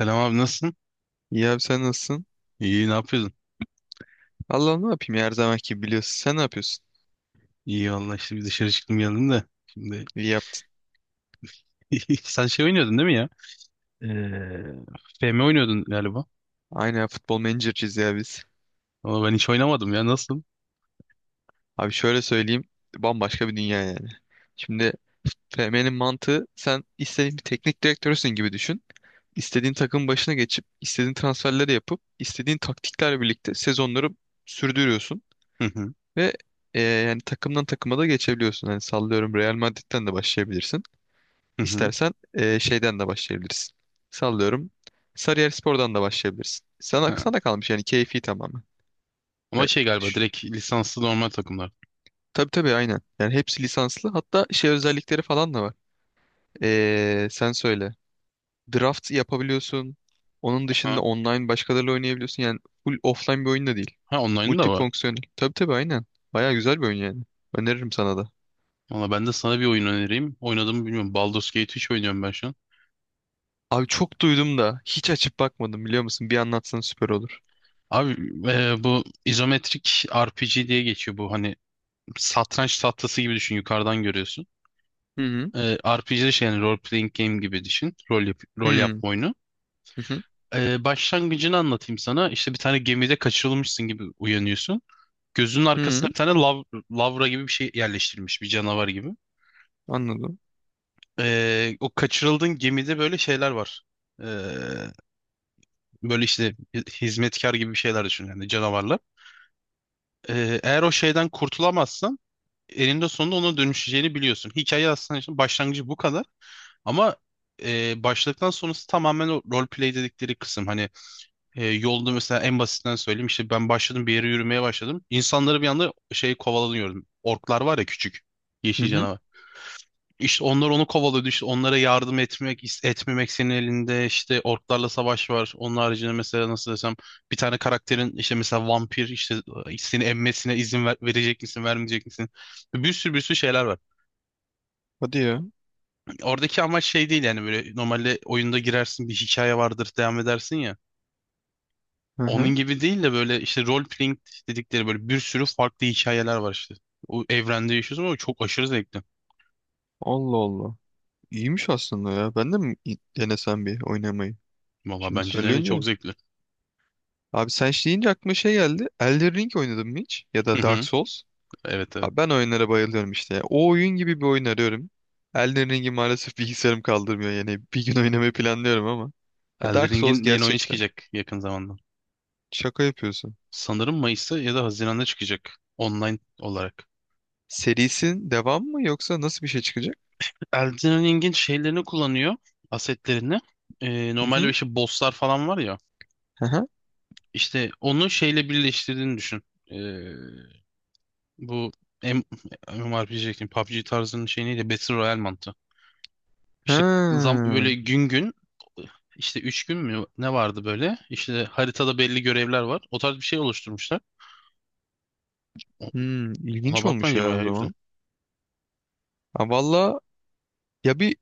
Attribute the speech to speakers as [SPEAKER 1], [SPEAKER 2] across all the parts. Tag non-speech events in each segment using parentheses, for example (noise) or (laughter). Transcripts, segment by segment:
[SPEAKER 1] Selam abi nasılsın?
[SPEAKER 2] İyi abi sen nasılsın?
[SPEAKER 1] İyi ne yapıyordun?
[SPEAKER 2] Allah ne yapayım ya, her zamanki gibi biliyorsun. Sen ne yapıyorsun?
[SPEAKER 1] İyi valla işte bir dışarı çıktım geldim de. Şimdi
[SPEAKER 2] İyi yaptın.
[SPEAKER 1] (laughs) sen şey oynuyordun değil mi ya? Ee, FM oynuyordun galiba.
[SPEAKER 2] Aynen ya, futbol menajerciyiz ya biz.
[SPEAKER 1] Ama ben hiç oynamadım ya nasıl?
[SPEAKER 2] Abi şöyle söyleyeyim. Bambaşka bir dünya yani. Şimdi FM'nin mantığı sen istediğin bir teknik direktörsün gibi düşün. İstediğin takım başına geçip istediğin transferleri yapıp istediğin taktiklerle birlikte sezonları sürdürüyorsun.
[SPEAKER 1] Hı hı.
[SPEAKER 2] Ve yani takımdan takıma da geçebiliyorsun. Yani sallıyorum Real Madrid'den de başlayabilirsin.
[SPEAKER 1] Hı hı.
[SPEAKER 2] İstersen şeyden de başlayabilirsin. Sallıyorum. Sarıyer Spor'dan da başlayabilirsin. Sana,
[SPEAKER 1] Ha.
[SPEAKER 2] sana kalmış yani keyfi tamamen. E,
[SPEAKER 1] Ama şey galiba
[SPEAKER 2] ş-
[SPEAKER 1] direkt lisanslı normal takımlar.
[SPEAKER 2] tabii tabii aynen. Yani hepsi lisanslı. Hatta şey özellikleri falan da var. Sen söyle. Draft yapabiliyorsun. Onun
[SPEAKER 1] Ha,
[SPEAKER 2] dışında online başkalarıyla oynayabiliyorsun. Yani full offline bir oyun da değil.
[SPEAKER 1] ha online'ı da var.
[SPEAKER 2] Multifonksiyonel. Tabii tabii aynen. Baya güzel bir oyun yani. Öneririm sana da.
[SPEAKER 1] Valla ben de sana bir oyun önereyim. Oynadığımı bilmiyorum. Baldur's Gate 3 oynuyorum ben şu an.
[SPEAKER 2] Abi çok duydum da hiç açıp bakmadım biliyor musun? Bir anlatsan süper olur.
[SPEAKER 1] Abi bu izometrik RPG diye geçiyor bu hani satranç tahtası gibi düşün yukarıdan görüyorsun.
[SPEAKER 2] Hı hı.
[SPEAKER 1] RPG şey yani role playing game gibi düşün. Rol,
[SPEAKER 2] Hı
[SPEAKER 1] rol
[SPEAKER 2] hı.
[SPEAKER 1] yapma oyunu. Başlangıcını anlatayım sana. İşte bir tane gemide kaçırılmışsın gibi uyanıyorsun. Gözünün
[SPEAKER 2] Hı.
[SPEAKER 1] arkasına bir
[SPEAKER 2] Hı.
[SPEAKER 1] tane lavra gibi bir şey yerleştirilmiş bir canavar gibi.
[SPEAKER 2] Anladım.
[SPEAKER 1] O kaçırıldığın gemide böyle şeyler var. Ee, böyle işte hizmetkar gibi bir şeyler düşün yani canavarlar. Eğer o şeyden kurtulamazsan eninde sonunda ona dönüşeceğini biliyorsun. Hikaye aslında işte başlangıcı bu kadar. Ama başladıktan sonrası tamamen o role play dedikleri kısım. Hani yolda mesela en basitinden söyleyeyim işte ben başladım bir yere yürümeye başladım. İnsanları bir anda şey kovalanıyordum. Orklar var ya, küçük
[SPEAKER 2] Hı
[SPEAKER 1] yeşil
[SPEAKER 2] hı.
[SPEAKER 1] canavar. İşte onlar onu kovalıyordu. İşte onlara yardım etmek, etmemek senin elinde. İşte orklarla savaş var. Onun haricinde mesela nasıl desem, bir tane karakterin işte mesela vampir işte, seni emmesine izin verecek misin, vermeyecek misin? Bir sürü bir sürü şeyler var.
[SPEAKER 2] Hadi ya.
[SPEAKER 1] Oradaki amaç şey değil yani, böyle normalde oyunda girersin, bir hikaye vardır, devam edersin ya.
[SPEAKER 2] Hı
[SPEAKER 1] Onun
[SPEAKER 2] hı.
[SPEAKER 1] gibi değil de böyle işte role playing dedikleri böyle bir sürü farklı hikayeler var işte. O evrende yaşıyorsun ama çok aşırı zevkli.
[SPEAKER 2] Allah Allah. İyiymiş aslında ya. Ben de mi denesem bir oynamayı?
[SPEAKER 1] Valla
[SPEAKER 2] Şimdi
[SPEAKER 1] bence de öyle, çok
[SPEAKER 2] söyleyince.
[SPEAKER 1] zevkli.
[SPEAKER 2] Abi sen şey deyince aklıma şey geldi. Elden Ring oynadın mı hiç? Ya
[SPEAKER 1] Hı
[SPEAKER 2] da Dark
[SPEAKER 1] hı.
[SPEAKER 2] Souls.
[SPEAKER 1] Evet, evet.
[SPEAKER 2] Abi ben oyunlara bayılıyorum işte. O oyun gibi bir oyun arıyorum. Elden Ring'i maalesef bilgisayarım kaldırmıyor. Yani bir gün oynamayı planlıyorum ama. Ya
[SPEAKER 1] Elden
[SPEAKER 2] Dark Souls
[SPEAKER 1] Ring'in yeni oyunu
[SPEAKER 2] gerçekten.
[SPEAKER 1] çıkacak yakın zamanda.
[SPEAKER 2] Şaka yapıyorsun.
[SPEAKER 1] Sanırım Mayıs'ta ya da Haziran'da çıkacak online olarak.
[SPEAKER 2] Serisin devam mı yoksa nasıl bir şey çıkacak?
[SPEAKER 1] Elden Ring'in şeylerini kullanıyor, asetlerini.
[SPEAKER 2] Hı
[SPEAKER 1] Normalde
[SPEAKER 2] hı.
[SPEAKER 1] işte bosslar falan var ya.
[SPEAKER 2] Hı hı.
[SPEAKER 1] İşte onu şeyle birleştirdiğini düşün. Bu M MMORPG diyecektim. PUBG tarzının şey neydi? Battle Royale mantığı. İşte zam
[SPEAKER 2] Ha.
[SPEAKER 1] böyle gün gün, işte 3 gün mü ne vardı böyle? İşte haritada belli görevler var. O tarz bir şey oluşturmuşlar. O-
[SPEAKER 2] Hmm,
[SPEAKER 1] Ona
[SPEAKER 2] ilginç
[SPEAKER 1] bak,
[SPEAKER 2] olmuş
[SPEAKER 1] bence
[SPEAKER 2] ya o
[SPEAKER 1] bayağı güzel.
[SPEAKER 2] zaman. Ha valla ya bir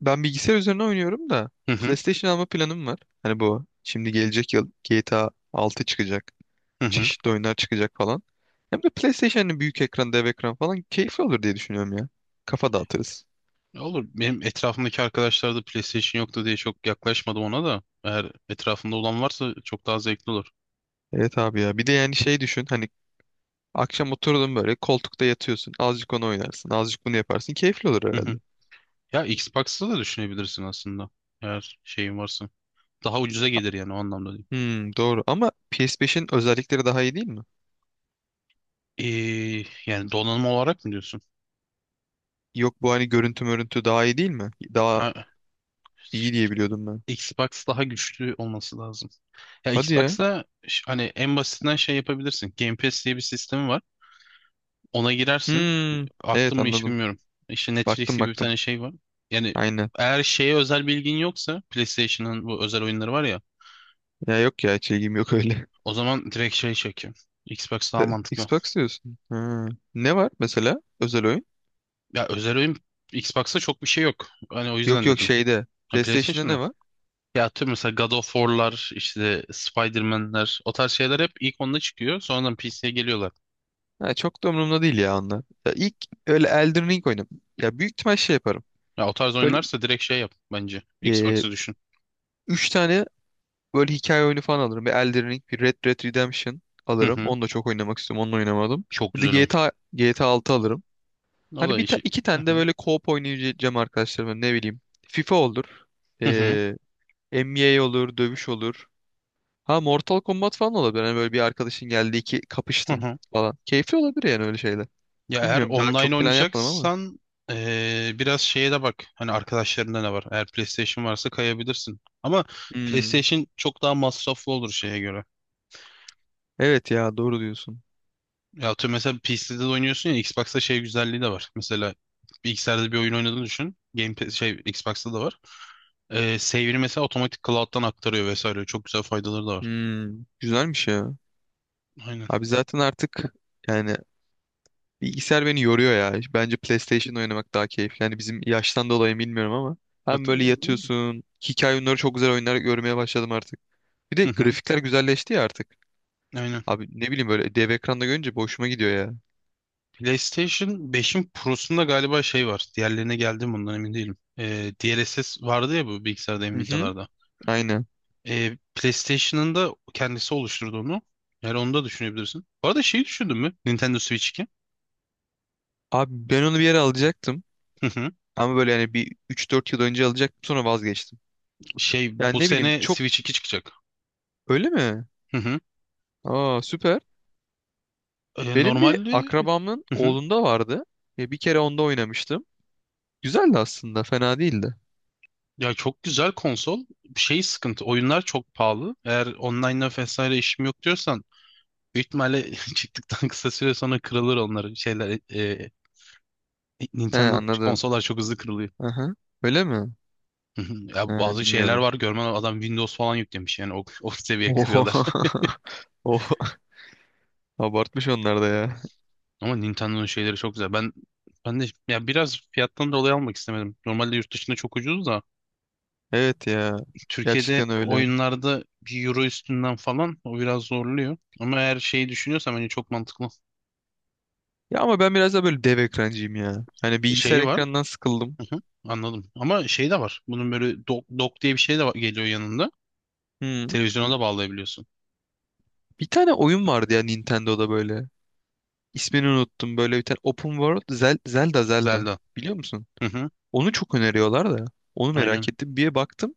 [SPEAKER 2] ben bilgisayar üzerine oynuyorum da
[SPEAKER 1] Hı hı.
[SPEAKER 2] PlayStation alma planım var. Hani bu şimdi gelecek yıl GTA 6 çıkacak.
[SPEAKER 1] Hı hı.
[SPEAKER 2] Çeşitli oyunlar çıkacak falan. Hem de PlayStation'ın büyük ekran, dev ekran falan keyifli olur diye düşünüyorum ya. Kafa dağıtırız.
[SPEAKER 1] Ya olur. Benim etrafımdaki arkadaşlar da PlayStation yoktu diye çok yaklaşmadım ona da. Eğer etrafında olan varsa çok daha zevkli olur.
[SPEAKER 2] Evet abi ya. Bir de yani şey düşün. Hani akşam oturdun böyle koltukta yatıyorsun. Azıcık onu oynarsın. Azıcık bunu yaparsın. Keyifli olur
[SPEAKER 1] Hı
[SPEAKER 2] herhalde.
[SPEAKER 1] hı. Ya Xbox'ta da düşünebilirsin aslında. Eğer şeyin varsa. Daha ucuza gelir yani, o anlamda değil.
[SPEAKER 2] Hmm, doğru. Ama PS5'in özellikleri daha iyi değil mi?
[SPEAKER 1] Ee, yani donanım olarak mı diyorsun?
[SPEAKER 2] Yok bu hani görüntü mörüntü daha iyi değil mi? Daha
[SPEAKER 1] Ha,
[SPEAKER 2] iyi diye biliyordum ben.
[SPEAKER 1] Xbox daha güçlü olması lazım. Ya
[SPEAKER 2] Hadi ya.
[SPEAKER 1] Xbox'ta hani en basitinden şey yapabilirsin. Game Pass diye bir sistemi var. Ona girersin.
[SPEAKER 2] Hmm, evet
[SPEAKER 1] Aklım mı hiç
[SPEAKER 2] anladım.
[SPEAKER 1] bilmiyorum. İşte Netflix
[SPEAKER 2] Baktım
[SPEAKER 1] gibi bir
[SPEAKER 2] baktım.
[SPEAKER 1] tane şey var. Yani
[SPEAKER 2] Aynen.
[SPEAKER 1] eğer şeye özel bilgin yoksa, PlayStation'ın bu özel oyunları var ya.
[SPEAKER 2] Ya yok ya hiç ilgim yok öyle.
[SPEAKER 1] O zaman direkt şey çekiyor. Xbox
[SPEAKER 2] (laughs)
[SPEAKER 1] daha mantıklı.
[SPEAKER 2] Xbox diyorsun. Ha. Ne var mesela özel oyun?
[SPEAKER 1] Ya özel oyun Xbox'ta çok bir şey yok. Hani o
[SPEAKER 2] Yok
[SPEAKER 1] yüzden
[SPEAKER 2] yok
[SPEAKER 1] dedim.
[SPEAKER 2] şeyde.
[SPEAKER 1] Ha,
[SPEAKER 2] PlayStation'da
[SPEAKER 1] PlayStation'da.
[SPEAKER 2] ne var?
[SPEAKER 1] Ya tüm mesela God of War'lar, işte Spider-Man'ler, o tarz şeyler hep ilk onda çıkıyor. Sonradan PC'ye geliyorlar.
[SPEAKER 2] Ha, çok da umurumda değil ya onlar. Ya ilk öyle Elden Ring oynadım. Ya büyük ihtimal şey yaparım.
[SPEAKER 1] Ya o tarz
[SPEAKER 2] Böyle
[SPEAKER 1] oyunlarsa direkt şey yap bence.
[SPEAKER 2] e,
[SPEAKER 1] Xbox'ı düşün.
[SPEAKER 2] üç tane böyle hikaye oyunu falan alırım. Bir Elden Ring, bir Red Dead Redemption
[SPEAKER 1] Hı
[SPEAKER 2] alırım.
[SPEAKER 1] hı.
[SPEAKER 2] Onu da çok oynamak istiyorum. Onu da oynamadım.
[SPEAKER 1] Çok
[SPEAKER 2] Bir de
[SPEAKER 1] güzel oyun.
[SPEAKER 2] GTA 6 alırım.
[SPEAKER 1] O
[SPEAKER 2] Hani
[SPEAKER 1] da işi.
[SPEAKER 2] iki
[SPEAKER 1] Hı
[SPEAKER 2] tane de
[SPEAKER 1] hı.
[SPEAKER 2] böyle co-op oynayacağım arkadaşlarım. Ne bileyim. FIFA olur.
[SPEAKER 1] Hı hı.
[SPEAKER 2] NBA olur, dövüş olur. Ha Mortal Kombat falan olabilir. Hani böyle bir arkadaşın geldi iki
[SPEAKER 1] Hı
[SPEAKER 2] kapıştın
[SPEAKER 1] hı.
[SPEAKER 2] falan. Keyifli olabilir yani öyle şeyler.
[SPEAKER 1] Ya eğer
[SPEAKER 2] Bilmiyorum daha
[SPEAKER 1] online
[SPEAKER 2] çok plan yapmadım ama.
[SPEAKER 1] oynayacaksan, biraz şeye de bak. Hani arkadaşlarında ne var? Eğer PlayStation varsa kayabilirsin. Ama
[SPEAKER 2] Hmm.
[SPEAKER 1] PlayStation çok daha masraflı olur şeye göre.
[SPEAKER 2] Evet ya doğru diyorsun.
[SPEAKER 1] Ya atıyorum mesela PC'de de oynuyorsun ya, Xbox'ta şey güzelliği de var. Mesela bilgisayarda bir oyun oynadığını düşün. Şey Xbox'ta da var. Save'ini mesela otomatik cloud'dan aktarıyor vesaire. Çok güzel faydaları da var.
[SPEAKER 2] Hmm. Güzelmiş ya.
[SPEAKER 1] Aynen.
[SPEAKER 2] Abi zaten artık yani bilgisayar beni yoruyor ya. Bence PlayStation oynamak daha keyifli. Yani bizim yaştan dolayı mı bilmiyorum ama. Hem
[SPEAKER 1] Hatta-
[SPEAKER 2] böyle yatıyorsun. Hikaye oyunları çok güzel oyunlar görmeye başladım artık. Bir de
[SPEAKER 1] Hı hı.
[SPEAKER 2] grafikler güzelleşti ya artık.
[SPEAKER 1] Aynen.
[SPEAKER 2] Abi ne bileyim böyle dev ekranda görünce boşuma gidiyor ya.
[SPEAKER 1] PlayStation 5'in Pro'sunda galiba şey var. Diğerlerine geldim ondan emin değilim. DLSS vardı ya bu bilgisayarda,
[SPEAKER 2] Hı hı.
[SPEAKER 1] Nvidia'larda.
[SPEAKER 2] Aynen.
[SPEAKER 1] PlayStation'ın da kendisi oluşturdu onu. Yani onu da düşünebilirsin. Bu arada şeyi düşündün mü? Nintendo Switch 2.
[SPEAKER 2] Abi ben onu bir yere alacaktım.
[SPEAKER 1] Hı hı.
[SPEAKER 2] Ama böyle yani bir üç dört yıl önce alacaktım sonra vazgeçtim.
[SPEAKER 1] Şey,
[SPEAKER 2] Yani
[SPEAKER 1] bu
[SPEAKER 2] ne bileyim
[SPEAKER 1] sene
[SPEAKER 2] çok
[SPEAKER 1] Switch 2 çıkacak.
[SPEAKER 2] öyle mi?
[SPEAKER 1] Hı hı.
[SPEAKER 2] Aa süper. Benim bir
[SPEAKER 1] Normalde.
[SPEAKER 2] akrabamın
[SPEAKER 1] Hı hı.
[SPEAKER 2] oğlunda vardı. Ya bir kere onda oynamıştım. Güzeldi aslında fena değildi.
[SPEAKER 1] Ya çok güzel konsol. Şey sıkıntı. Oyunlar çok pahalı. Eğer online'la vesaire işim yok diyorsan, büyük ihtimalle (laughs) çıktıktan kısa süre sonra kırılır onlar, şeyler,
[SPEAKER 2] He
[SPEAKER 1] Nintendo'nun
[SPEAKER 2] anladım.
[SPEAKER 1] konsollar çok hızlı kırılıyor.
[SPEAKER 2] Aha. Öyle mi?
[SPEAKER 1] (laughs) Hı hı.
[SPEAKER 2] He
[SPEAKER 1] Ya bazı şeyler
[SPEAKER 2] bilmiyordum.
[SPEAKER 1] var, görmen lazım. Adam Windows falan yüklemiş yani, o seviye kırıyorlar.
[SPEAKER 2] Oha. (laughs) Oh, abartmış onlar da ya.
[SPEAKER 1] (laughs) Ama Nintendo'nun şeyleri çok güzel. Ben de ya biraz fiyattan dolayı almak istemedim. Normalde yurt dışında çok ucuz da,
[SPEAKER 2] Evet ya.
[SPEAKER 1] Türkiye'de
[SPEAKER 2] Gerçekten öyle.
[SPEAKER 1] oyunlarda bir euro üstünden falan, o biraz zorluyor. Ama eğer şeyi düşünüyorsam, hani çok mantıklı.
[SPEAKER 2] Ya ama ben biraz da böyle dev ekrancıyım ya. Hani bilgisayar
[SPEAKER 1] Şeyi var.
[SPEAKER 2] ekranından sıkıldım.
[SPEAKER 1] Hı hı, anladım. Ama şey de var. Bunun böyle dock, diye bir şey de geliyor yanında.
[SPEAKER 2] Hmm.
[SPEAKER 1] Televizyona da bağlayabiliyorsun.
[SPEAKER 2] Bir tane oyun vardı ya Nintendo'da böyle. İsmini unuttum. Böyle bir tane Open World Zelda.
[SPEAKER 1] Zelda.
[SPEAKER 2] Biliyor musun?
[SPEAKER 1] Hı hı,
[SPEAKER 2] Onu çok öneriyorlar da. Onu merak
[SPEAKER 1] aynen.
[SPEAKER 2] ettim. Bir baktım.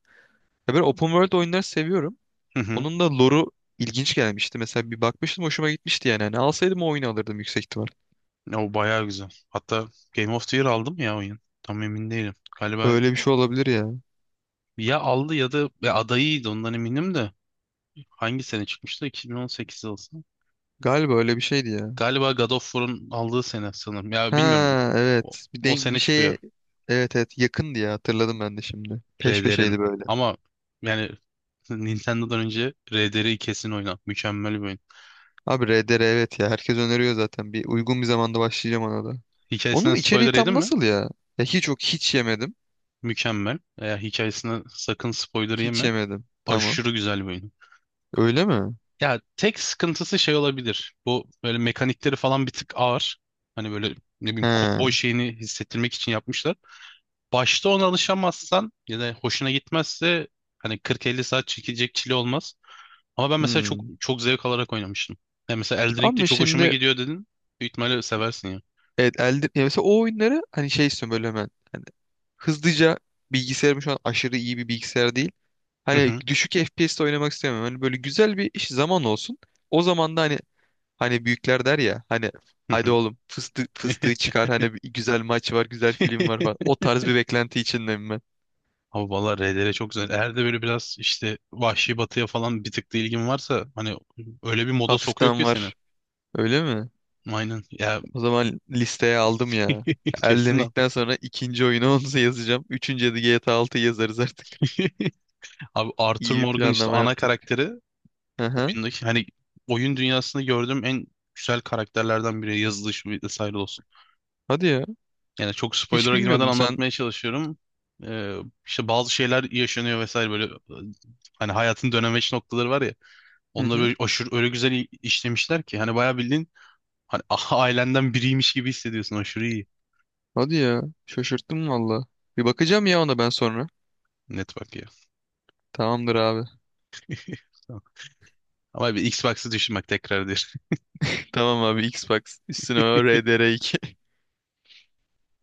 [SPEAKER 2] Ya ben Open World oyunları seviyorum.
[SPEAKER 1] (laughs)
[SPEAKER 2] Onun da lore'u ilginç gelmişti. Mesela bir bakmıştım hoşuma gitmişti yani. Hani alsaydım o oyunu alırdım yüksek ihtimal.
[SPEAKER 1] Ya o bayağı güzel. Hatta Game of the Year aldı mı ya oyun? Tam emin değilim. Galiba
[SPEAKER 2] Öyle bir şey olabilir ya.
[SPEAKER 1] ya aldı ya da ya adayıydı, ondan eminim de. Hangi sene çıkmıştı? 2018 olsun.
[SPEAKER 2] Galiba öyle bir şeydi ya.
[SPEAKER 1] Galiba God of War'un aldığı sene sanırım. Ya bilmiyorum.
[SPEAKER 2] Ha
[SPEAKER 1] O,
[SPEAKER 2] evet. Bir
[SPEAKER 1] o
[SPEAKER 2] denk bir
[SPEAKER 1] sene çıktı ya
[SPEAKER 2] şeye evet evet yakındı ya hatırladım ben de şimdi. Peş
[SPEAKER 1] RDR'in.
[SPEAKER 2] peşeydi böyle.
[SPEAKER 1] Ama yani (laughs) Nintendo'dan önce RDR'i kesin oyna. Mükemmel bir oyun.
[SPEAKER 2] Abi RDR evet ya herkes öneriyor zaten. Bir uygun bir zamanda başlayacağım ona da.
[SPEAKER 1] Hikayesinden
[SPEAKER 2] Onun içeriği
[SPEAKER 1] spoiler yedin
[SPEAKER 2] tam
[SPEAKER 1] mi?
[SPEAKER 2] nasıl ya? Ya hiç yok hiç yemedim.
[SPEAKER 1] Mükemmel. Eğer hikayesine sakın spoiler
[SPEAKER 2] Hiç
[SPEAKER 1] yeme.
[SPEAKER 2] yemedim. Tamam.
[SPEAKER 1] Aşırı güzel bir oyun.
[SPEAKER 2] Öyle mi?
[SPEAKER 1] Ya tek sıkıntısı şey olabilir. Bu böyle mekanikleri falan bir tık ağır. Hani böyle, ne bileyim, kovboy
[SPEAKER 2] He.
[SPEAKER 1] şeyini hissettirmek için yapmışlar. Başta ona alışamazsan ya da hoşuna gitmezse, hani 40-50 saat çekecek çile olmaz. Ama ben mesela çok
[SPEAKER 2] Hmm.
[SPEAKER 1] çok zevk alarak oynamıştım. Ya mesela Elden Ring'de
[SPEAKER 2] Ama
[SPEAKER 1] çok hoşuma
[SPEAKER 2] şimdi
[SPEAKER 1] gidiyor dedin. Büyük ihtimalle seversin ya.
[SPEAKER 2] ya mesela o oyunları hani şey istiyorum böyle hemen. Hani hızlıca bilgisayarım şu an aşırı iyi bir bilgisayar değil.
[SPEAKER 1] Hı
[SPEAKER 2] Hani
[SPEAKER 1] hı,
[SPEAKER 2] düşük FPS'te oynamak istemiyorum. Hani böyle güzel bir iş zaman olsun. O zaman da hani büyükler der ya hani
[SPEAKER 1] hı
[SPEAKER 2] hadi
[SPEAKER 1] hı.
[SPEAKER 2] oğlum fıstığı, fıstığı
[SPEAKER 1] (laughs)
[SPEAKER 2] çıkar hani bir güzel maç var güzel film var falan. O tarz bir beklenti içindeyim ben.
[SPEAKER 1] Ama valla RDR çok güzel. Eğer de böyle biraz işte Vahşi Batı'ya falan bir tık da ilgin varsa, hani öyle bir moda sokuyor
[SPEAKER 2] Hafiften
[SPEAKER 1] ki seni.
[SPEAKER 2] var. Öyle mi?
[SPEAKER 1] Aynen. Ya
[SPEAKER 2] O zaman listeye aldım ya.
[SPEAKER 1] (laughs) kesin al.
[SPEAKER 2] Elden'likten sonra ikinci oyunu (laughs) onu yazacağım. Üçüncüye de GTA 6'yı yazarız artık.
[SPEAKER 1] (laughs) Abi Arthur
[SPEAKER 2] İyi bir
[SPEAKER 1] Morgan, işte
[SPEAKER 2] planlama
[SPEAKER 1] ana
[SPEAKER 2] yaptık.
[SPEAKER 1] karakteri
[SPEAKER 2] Aha.
[SPEAKER 1] oyundaki, hani oyun dünyasında gördüğüm en güzel karakterlerden biri, yazılışı vesaire olsun.
[SPEAKER 2] Hadi ya.
[SPEAKER 1] Yani çok
[SPEAKER 2] Hiç
[SPEAKER 1] spoiler'a girmeden
[SPEAKER 2] bilmiyordum sen.
[SPEAKER 1] anlatmaya çalışıyorum. Ee, işte bazı şeyler yaşanıyor vesaire, böyle, hani hayatın dönemeç noktaları var ya.
[SPEAKER 2] Hı
[SPEAKER 1] Onları
[SPEAKER 2] hı.
[SPEAKER 1] böyle aşırı öyle güzel işlemişler ki, hani bayağı bildiğin, hani (laughs) ailenden biriymiş gibi hissediyorsun, aşırı iyi.
[SPEAKER 2] Hadi ya. Şaşırttın valla. Bir bakacağım ya ona ben sonra.
[SPEAKER 1] Network ya.
[SPEAKER 2] Tamamdır abi.
[SPEAKER 1] (laughs) Tamam. Ama bir Xbox'ı düşün bak tekrar
[SPEAKER 2] (laughs) Tamam abi Xbox. Üstüne o RDR2.